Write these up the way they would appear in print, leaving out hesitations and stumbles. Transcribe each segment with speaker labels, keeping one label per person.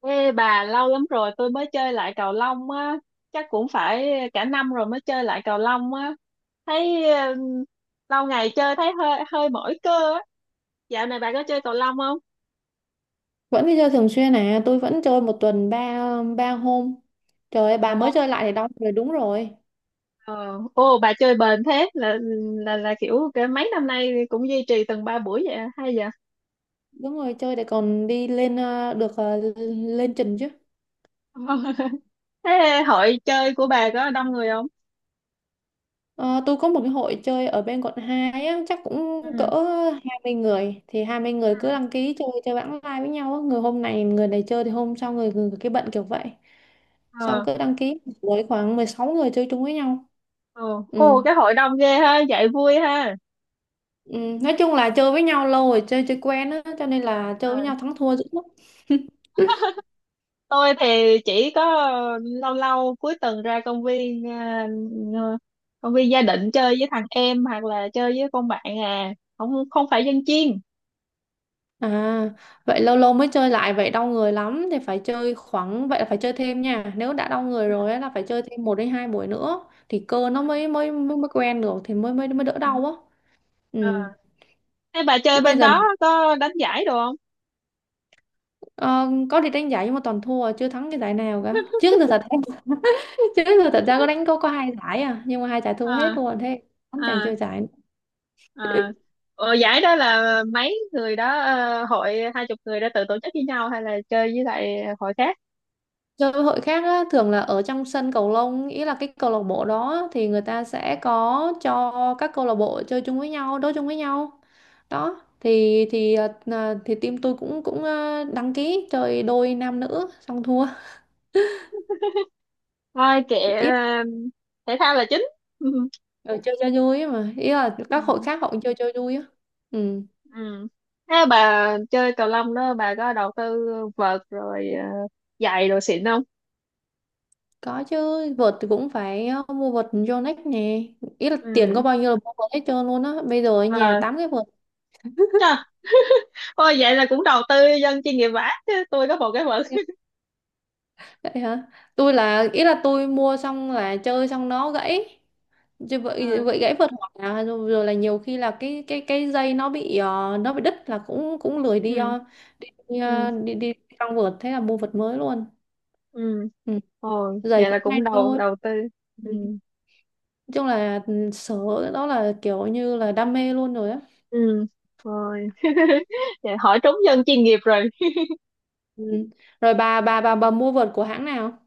Speaker 1: Ê bà, lâu lắm rồi tôi mới chơi lại cầu lông á. Chắc cũng phải cả năm rồi mới chơi lại cầu lông á. Thấy lâu ngày chơi thấy hơi hơi mỏi cơ á. Dạo này bà có chơi cầu lông không?
Speaker 2: Vẫn đi chơi thường xuyên à? Tôi vẫn chơi một tuần ba ba hôm Trời ơi, bà
Speaker 1: Ồ.
Speaker 2: mới chơi lại thì đau người, đúng rồi.
Speaker 1: ờ, Ồ, bà chơi bền thế. Là Là kiểu cái mấy năm nay cũng duy trì từng 3 buổi vậy à? Hay vậy.
Speaker 2: Đúng rồi, chơi để còn đi lên được lên trình chứ.
Speaker 1: Thế hội chơi của bà có đông người không?
Speaker 2: Ờ, tôi có một cái hội chơi ở bên quận 2 á, chắc cũng cỡ
Speaker 1: Ừ.
Speaker 2: 20 người, thì 20 người cứ
Speaker 1: Ờ.
Speaker 2: đăng ký chơi chơi bảng live với nhau á. Người hôm này người này chơi thì hôm sau người cái bận kiểu vậy. Xong
Speaker 1: Ờ.
Speaker 2: cứ đăng ký với khoảng 16 người chơi chung với nhau.
Speaker 1: Ồ.
Speaker 2: Ừ.
Speaker 1: Ồ, cái hội đông ghê ha, vậy vui ha.
Speaker 2: Ừ, nói chung là chơi với nhau lâu rồi, chơi chơi quen á, cho nên là chơi với nhau thắng thua dữ lắm.
Speaker 1: Tôi thì chỉ có lâu lâu cuối tuần ra công viên à, công viên Gia Định chơi với thằng em hoặc là chơi với con bạn à. Không, không phải dân chuyên.
Speaker 2: À, vậy lâu lâu mới chơi lại vậy đau người lắm, thì phải chơi khoảng vậy, là phải chơi thêm nha, nếu đã đau người
Speaker 1: Ừ.
Speaker 2: rồi á là phải chơi thêm một đến hai buổi nữa thì cơ nó mới quen được, thì mới mới mới đỡ
Speaker 1: Ừ.
Speaker 2: đau á.
Speaker 1: Ờ.
Speaker 2: Ừ.
Speaker 1: Thế bà
Speaker 2: Chứ
Speaker 1: chơi
Speaker 2: bây
Speaker 1: bên
Speaker 2: giờ
Speaker 1: đó có đánh giải đồ không?
Speaker 2: ờ, có đi đánh giải nhưng mà toàn thua, chưa thắng cái giải nào cả trước giờ thật em. Trước giờ thật ra có đánh có hai giải à, nhưng mà hai giải thua hết
Speaker 1: À.
Speaker 2: luôn thế. Không, chẳng
Speaker 1: À.
Speaker 2: chơi giải.
Speaker 1: À. Ồ, giải đó là mấy người đó hội 20 người đã tự tổ chức với nhau hay là chơi với lại hội khác?
Speaker 2: Chơi hội khác á, thường là ở trong sân cầu lông, ý là cái câu lạc bộ đó thì người ta sẽ có cho các câu lạc bộ chơi chung với nhau, đấu chung với nhau. Đó, thì team tôi cũng cũng ờ, đăng ký chơi đôi nam nữ xong thua.
Speaker 1: Thôi kệ,
Speaker 2: Ý
Speaker 1: thể thao là chính.
Speaker 2: là chơi cho vui ấy mà, ý là các hội khác họ cũng chơi chơi vui á. Ừ,
Speaker 1: Ừ. Thế bà chơi cầu lông đó bà có đầu tư vợt rồi giày đồ xịn không?
Speaker 2: có chứ. Vợt thì cũng phải mua vợt Yonex nè. Ý là tiền
Speaker 1: Ừ.
Speaker 2: có bao nhiêu là mua vợt hết trơn luôn á, bây giờ ở nhà
Speaker 1: Ờ.
Speaker 2: tám cái vợt.
Speaker 1: Trời, ôi vậy là cũng đầu tư dân chuyên nghiệp vả, chứ tôi có một cái vợt.
Speaker 2: Vậy hả? Tôi là ý là tôi mua xong là chơi xong nó gãy. Chứ vậy
Speaker 1: Ờ.
Speaker 2: vậy gãy vượt, hoặc là rồi là nhiều khi là cái dây nó bị nó bị đứt là cũng cũng lười đi
Speaker 1: Ừ.
Speaker 2: ờ, đi, đi,
Speaker 1: Ừ.
Speaker 2: ờ, đi đi trong vợt, thế là mua vượt mới luôn.
Speaker 1: Ừ.
Speaker 2: Ừ.
Speaker 1: Ôi,
Speaker 2: Giày
Speaker 1: vậy là
Speaker 2: cũng hay
Speaker 1: cũng đầu
Speaker 2: thôi.
Speaker 1: đầu tư
Speaker 2: Ừ.
Speaker 1: Ừ.
Speaker 2: Nói chung là sở đó là kiểu như là đam mê luôn rồi á.
Speaker 1: Ừ. Rồi vậy hỏi trúng dân chuyên nghiệp rồi.
Speaker 2: Ừ. Rồi bà mua vợt của hãng nào?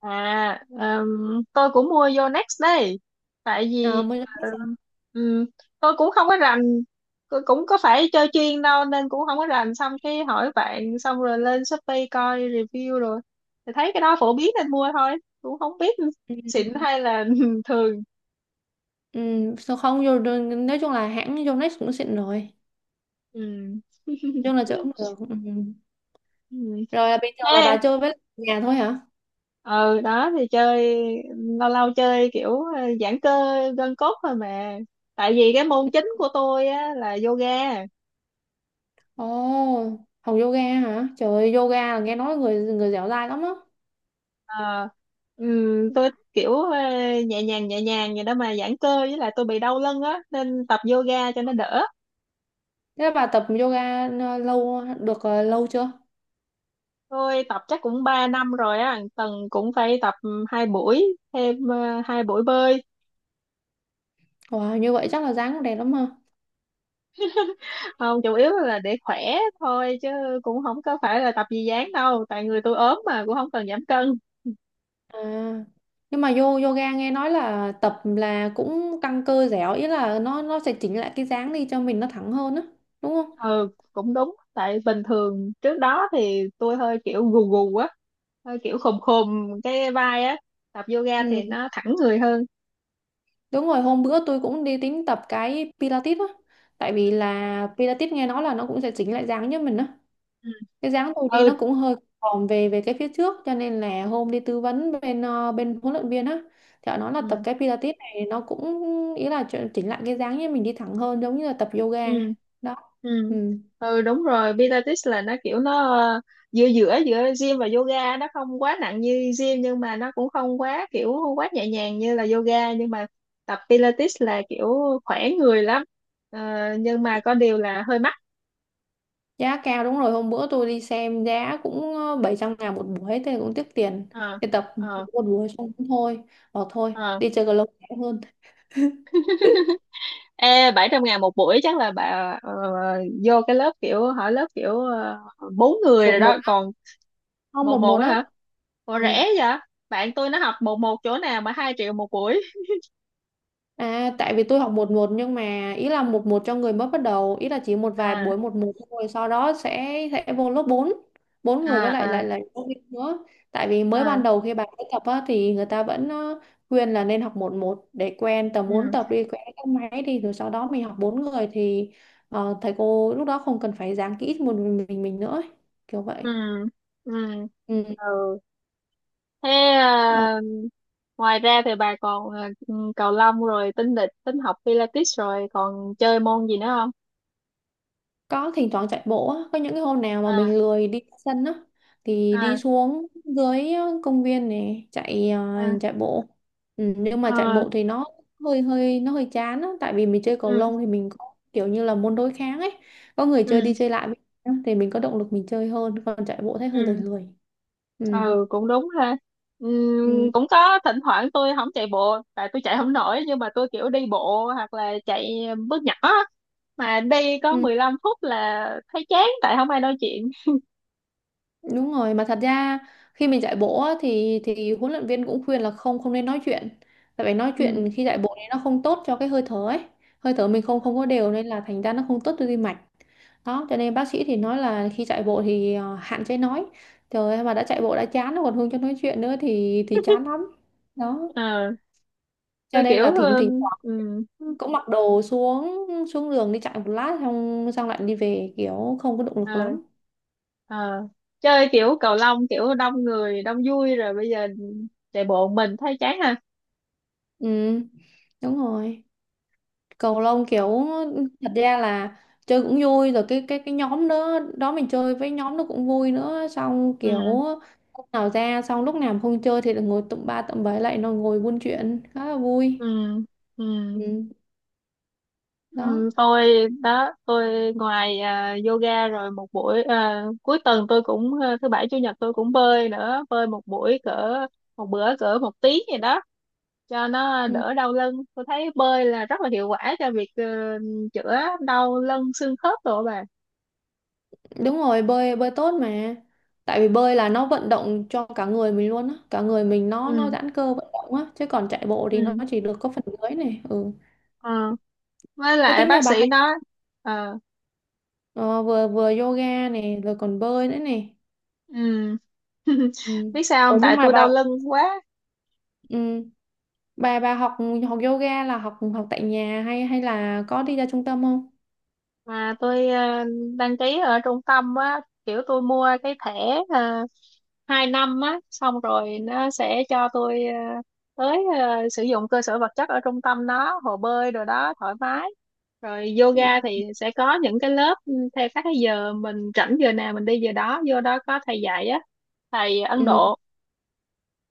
Speaker 1: À, tôi cũng mua vô Next đây. Tại
Speaker 2: À,
Speaker 1: vì
Speaker 2: mới-
Speaker 1: ừm, ừm, tôi cũng không có rành, cũng có phải chơi chuyên đâu nên cũng không có rành. Xong cái hỏi bạn, xong rồi lên Shopee coi review rồi. Thì thấy cái đó phổ biến nên mua thôi. Cũng không biết
Speaker 2: Ừ.
Speaker 1: xịn hay là thường.
Speaker 2: Ừ. Sao không? Rồi- Nói chung là hãng Yonex cũng xịn rồi.
Speaker 1: Ừm.
Speaker 2: Chung là chơi cũng được. Ừ.
Speaker 1: Ừm.
Speaker 2: Rồi là bình thường là bà
Speaker 1: Ha,
Speaker 2: chơi với nhà thôi hả?
Speaker 1: ừ đó thì chơi lâu lâu chơi kiểu giãn cơ gân cốt thôi mà. Tại vì cái môn chính của tôi á là yoga.
Speaker 2: Ồ, học yoga hả? Trời ơi, yoga là nghe nói người người dẻo dai lắm á.
Speaker 1: Ờ, tôi kiểu nhẹ nhàng vậy đó mà giãn cơ, với lại tôi bị đau lưng á nên tập yoga cho nó đỡ.
Speaker 2: Thế bà tập yoga lâu chưa?
Speaker 1: Tôi tập chắc cũng 3 năm rồi á, tuần cũng phải tập 2 buổi, thêm 2 buổi bơi.
Speaker 2: Wow, như vậy chắc là dáng cũng đẹp lắm ha.
Speaker 1: Không, chủ yếu là để khỏe thôi chứ cũng không có phải là tập gì dáng đâu, tại người tôi ốm mà cũng không cần giảm cân.
Speaker 2: À, nhưng mà yoga nghe nói là tập là cũng căng cơ dẻo, ý là nó sẽ chỉnh lại cái dáng đi cho mình nó thẳng hơn á, đúng không?
Speaker 1: Ừ, cũng đúng, tại bình thường trước đó thì tôi hơi kiểu gù gù á, hơi kiểu khùm khùm cái vai á, tập yoga
Speaker 2: Ừ,
Speaker 1: thì nó thẳng người hơn.
Speaker 2: đúng rồi, hôm bữa tôi cũng đi tính tập cái Pilates á, tại vì là Pilates nghe nói là nó cũng sẽ chỉnh lại dáng cho mình á. Cái dáng tôi đi nó
Speaker 1: Ừ.
Speaker 2: cũng hơi còm về về cái phía trước, cho nên là hôm đi tư vấn bên bên huấn luyện viên á, thì họ nói là tập
Speaker 1: Ừ.
Speaker 2: cái Pilates này nó cũng, ý là chỉnh lại cái dáng như mình đi thẳng hơn, giống như là tập yoga.
Speaker 1: Ừ.
Speaker 2: Đó. Ừ.
Speaker 1: Ừ. Ừ đúng rồi, Pilates là nó kiểu nó giữa giữa giữa gym và yoga, nó không quá nặng như gym nhưng mà nó cũng không quá kiểu không quá nhẹ nhàng như là yoga, nhưng mà tập Pilates là kiểu khỏe người lắm. Ờ, nhưng mà có điều là hơi mắc.
Speaker 2: Giá cao, đúng rồi, hôm bữa tôi đi xem giá cũng 700.000 một buổi, thế cũng tiếc tiền
Speaker 1: Ờ.
Speaker 2: đi tập
Speaker 1: Ờ.
Speaker 2: một buổi xong cũng thôi, bỏ thôi,
Speaker 1: Ờ.
Speaker 2: đi chơi cầu lông rẻ hơn.
Speaker 1: Ê, 700.000 một buổi chắc là bà ờ, vô cái lớp kiểu hỏi lớp kiểu bốn người
Speaker 2: Một
Speaker 1: rồi
Speaker 2: một
Speaker 1: đó
Speaker 2: á,
Speaker 1: còn
Speaker 2: không
Speaker 1: một
Speaker 2: một
Speaker 1: một
Speaker 2: một
Speaker 1: á
Speaker 2: á.
Speaker 1: hả? Ủa,
Speaker 2: Ừ.
Speaker 1: rẻ vậy? Bạn tôi nó học một một chỗ nào mà 2 triệu một buổi.
Speaker 2: À, tại vì tôi học một một nhưng mà ý là một một cho người mới bắt đầu, ý là chỉ một vài
Speaker 1: À.
Speaker 2: buổi một một thôi, sau đó sẽ vô lớp 4, bốn người với lại
Speaker 1: À.
Speaker 2: lại
Speaker 1: À.
Speaker 2: lại giáo viên nữa. Tại vì mới ban
Speaker 1: À.
Speaker 2: đầu khi bạn mới tập á, thì người ta vẫn khuyên là nên học một một để quen tầm bốn,
Speaker 1: Ừ.
Speaker 2: tập đi quen các máy đi, rồi sau đó mình học bốn người thì thầy cô lúc đó không cần phải giảng kỹ một mình nữa ấy. Kiểu
Speaker 1: Ừ.
Speaker 2: vậy.
Speaker 1: Ừ.
Speaker 2: Ừ.
Speaker 1: Ừ. Thế
Speaker 2: Ờ.
Speaker 1: à, ngoài ra thì bà còn à, cầu lông rồi tính địch tính học Pilates rồi còn chơi môn gì nữa không?
Speaker 2: Có thỉnh thoảng chạy bộ á, có những cái hôm nào mà
Speaker 1: À.
Speaker 2: mình lười đi ra sân á thì đi
Speaker 1: À.
Speaker 2: xuống dưới công viên này
Speaker 1: À.
Speaker 2: chạy bộ. Ừ, nhưng mà chạy
Speaker 1: Ờ.
Speaker 2: bộ thì nó hơi chán á, tại vì mình chơi cầu
Speaker 1: Ừ.
Speaker 2: lông thì mình có kiểu như là môn đối kháng ấy, có người chơi
Speaker 1: Ừ.
Speaker 2: đi chơi lại với nhau thì mình có động lực mình chơi hơn. Còn chạy bộ thấy hơi lười
Speaker 1: Ừ.
Speaker 2: lười. Ừ.
Speaker 1: Ừ cũng đúng ha. Ừ,
Speaker 2: Ừ.
Speaker 1: cũng có thỉnh thoảng tôi không chạy bộ tại tôi chạy không nổi, nhưng mà tôi kiểu đi bộ hoặc là chạy bước nhỏ á. Mà đi có
Speaker 2: Ừ.
Speaker 1: 15 phút là thấy chán tại không ai nói chuyện.
Speaker 2: Đúng rồi, mà thật ra khi mình chạy bộ á, thì huấn luyện viên cũng khuyên là không không nên nói chuyện. Tại vì nói
Speaker 1: Ừ.
Speaker 2: chuyện khi chạy bộ thì nó không tốt cho cái hơi thở ấy. Hơi thở mình không không có đều, nên là thành ra nó không tốt cho tim mạch. Đó, cho nên bác sĩ thì nói là khi chạy bộ thì hạn chế nói. Trời ơi, mà đã chạy bộ đã chán rồi còn không cho nói chuyện nữa thì chán lắm. Đó.
Speaker 1: Ờ.
Speaker 2: Cho
Speaker 1: Tôi
Speaker 2: nên
Speaker 1: kiểu
Speaker 2: là thỉnh thỉnh thoảng
Speaker 1: ừ,
Speaker 2: cũng mặc đồ xuống xuống đường đi chạy một lát, xong xong lại đi về kiểu không có động lực
Speaker 1: ờ,
Speaker 2: lắm.
Speaker 1: ờ. Chơi kiểu cầu lông kiểu đông người đông vui, rồi bây giờ chạy bộ một mình thấy chán ha.
Speaker 2: Ừ, đúng rồi. Cầu lông
Speaker 1: Ờ.
Speaker 2: kiểu thật ra là chơi cũng vui, rồi cái nhóm đó đó mình chơi với nhóm nó cũng vui nữa, xong kiểu
Speaker 1: Ừ.
Speaker 2: lúc nào ra, xong lúc nào mà không chơi thì được ngồi tụm ba tụm bảy lại, nó ngồi buôn chuyện khá là vui.
Speaker 1: Ừ. Ừ.
Speaker 2: Ừ, đó.
Speaker 1: Ừ tôi đó, tôi ngoài à, yoga, rồi một buổi à, cuối tuần tôi cũng à, thứ bảy chủ nhật tôi cũng bơi nữa, bơi một buổi cỡ một bữa cỡ một tiếng gì đó cho nó
Speaker 2: Ừ,
Speaker 1: đỡ đau lưng. Tôi thấy bơi là rất là hiệu quả cho việc chữa đau lưng xương khớp rồi bà.
Speaker 2: đúng rồi, bơi bơi tốt mà. Tại vì bơi là nó vận động cho cả người mình luôn á, cả người mình nó
Speaker 1: Ừ.
Speaker 2: giãn cơ vận động á, chứ còn chạy bộ thì nó
Speaker 1: Ừ.
Speaker 2: chỉ được có phần dưới này. Ừ.
Speaker 1: Ờ, với
Speaker 2: Thế
Speaker 1: lại
Speaker 2: tính nhà
Speaker 1: bác
Speaker 2: bà
Speaker 1: sĩ
Speaker 2: hay
Speaker 1: nói. Ờ.
Speaker 2: ờ, vừa vừa yoga này rồi còn bơi nữa này?
Speaker 1: Ừm.
Speaker 2: Ừ.
Speaker 1: Biết sao
Speaker 2: Ủa
Speaker 1: không,
Speaker 2: nhưng
Speaker 1: tại
Speaker 2: mà
Speaker 1: tôi
Speaker 2: bà.
Speaker 1: đau lưng quá.
Speaker 2: Ừ. Bà học học yoga là học học tại nhà hay hay là có đi ra trung tâm không?
Speaker 1: Mà tôi đăng ký ở trung tâm á, kiểu tôi mua cái thẻ 2 năm á, xong rồi nó sẽ cho tôi tới sử dụng cơ sở vật chất ở trung tâm đó, hồ bơi đồ đó thoải mái, rồi
Speaker 2: Ừ.
Speaker 1: yoga thì sẽ có những cái lớp theo các cái giờ mình rảnh, giờ nào mình đi giờ đó, vô đó có thầy dạy á, thầy Ấn
Speaker 2: Ừ.
Speaker 1: Độ.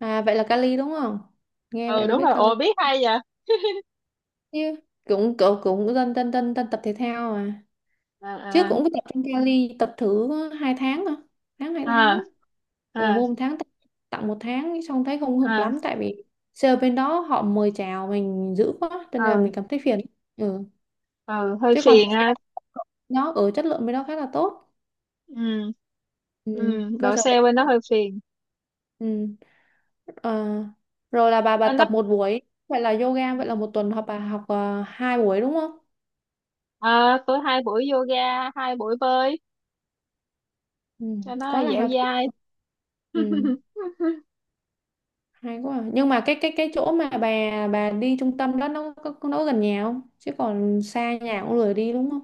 Speaker 2: À, vậy là Cali đúng không? Nghe vậy
Speaker 1: Ừ,
Speaker 2: là
Speaker 1: đúng
Speaker 2: biết
Speaker 1: rồi.
Speaker 2: Cali
Speaker 1: Ồ, biết hay vậy.
Speaker 2: chứ. Cũng cũng cũng dân dân dân dân tập thể thao à.
Speaker 1: Ờ.
Speaker 2: Trước
Speaker 1: Ờ.
Speaker 2: cũng có tập trong Cali tập thử 2 tháng mà. Tháng hai tháng.
Speaker 1: À.
Speaker 2: Rồi
Speaker 1: À.
Speaker 2: môn tháng tặng tặng một tháng xong thấy không hợp
Speaker 1: À.
Speaker 2: lắm, tại vì sale bên đó họ mời chào mình dữ quá cho nên là
Speaker 1: Ừ.
Speaker 2: mình cảm thấy phiền. Ừ.
Speaker 1: Ừ hơi
Speaker 2: Chứ còn
Speaker 1: phiền
Speaker 2: thật ra
Speaker 1: ha.
Speaker 2: nó ở chất lượng bên đó khá là tốt.
Speaker 1: Ừ.
Speaker 2: Ừ.
Speaker 1: Ừ
Speaker 2: Cơ
Speaker 1: đổ
Speaker 2: sở vật
Speaker 1: xe bên đó
Speaker 2: chất.
Speaker 1: hơi phiền.
Speaker 2: Ừ. Ờ, rồi là bà
Speaker 1: Bên đó.
Speaker 2: tập một buổi, vậy là yoga, vậy là một tuần học, bà học 2 buổi đúng không?
Speaker 1: À, tôi 2 buổi yoga, 2 buổi bơi
Speaker 2: Ừ,
Speaker 1: cho nó
Speaker 2: quá là
Speaker 1: dẻo
Speaker 2: healthy.
Speaker 1: dai.
Speaker 2: Ừ, hay quá à. Nhưng mà cái chỗ mà bà đi trung tâm đó nó có gần nhà không, chứ còn xa nhà cũng lười đi đúng không?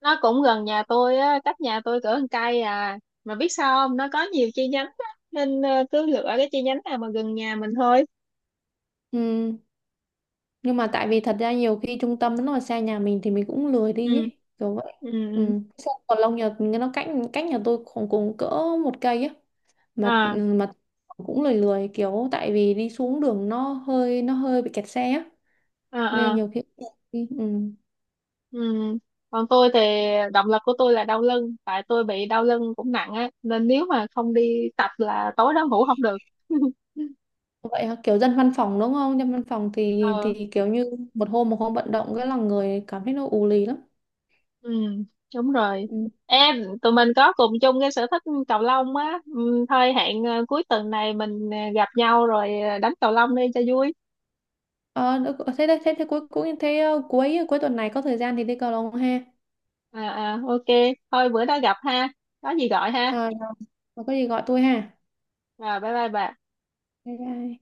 Speaker 1: Nó cũng gần nhà tôi á, cách nhà tôi cỡ một cây à. Mà biết sao không, nó có nhiều chi nhánh á, nên cứ lựa cái chi nhánh nào mà gần nhà mình thôi.
Speaker 2: Ừ, nhưng mà tại vì thật ra nhiều khi trung tâm nó mà xa nhà mình thì mình cũng lười
Speaker 1: Ừ.
Speaker 2: đi ấy, kiểu vậy.
Speaker 1: Ừ. Ừ.
Speaker 2: Ừ. Sao còn lâu nhật nó cách cách nhà tôi khoảng cùng cỡ một cây ấy, mà
Speaker 1: À.
Speaker 2: mà cũng lười lười kiểu, tại vì đi xuống đường nó hơi bị kẹt xe á,
Speaker 1: À.
Speaker 2: nên
Speaker 1: À.
Speaker 2: nhiều khi. Ừ.
Speaker 1: Ừ. Còn tôi thì động lực của tôi là đau lưng, tại tôi bị đau lưng cũng nặng á, nên nếu mà không đi tập là tối đó ngủ không được.
Speaker 2: Vậy hả? Kiểu dân văn phòng đúng không? Dân văn phòng thì
Speaker 1: Ừ.
Speaker 2: thì kiểu như một hôm vận động cái là người cảm thấy nó ù lì lắm.
Speaker 1: Ừ. Đúng rồi
Speaker 2: Ừ.
Speaker 1: em, tụi mình có cùng chung cái sở thích cầu lông á. Ừ, thôi hẹn cuối tuần này mình gặp nhau rồi đánh cầu lông đi cho vui.
Speaker 2: Ờ, được- ờ, thế đây thế thế cuối cuối thế ờ, cuối cuối tuần này có thời gian thì đi cầu lông ha.
Speaker 1: À, à ok, thôi bữa đó gặp ha, có gì gọi ha.
Speaker 2: Ờ, có gì gọi tôi ha.
Speaker 1: Rồi bye bye bà.
Speaker 2: Bye bye.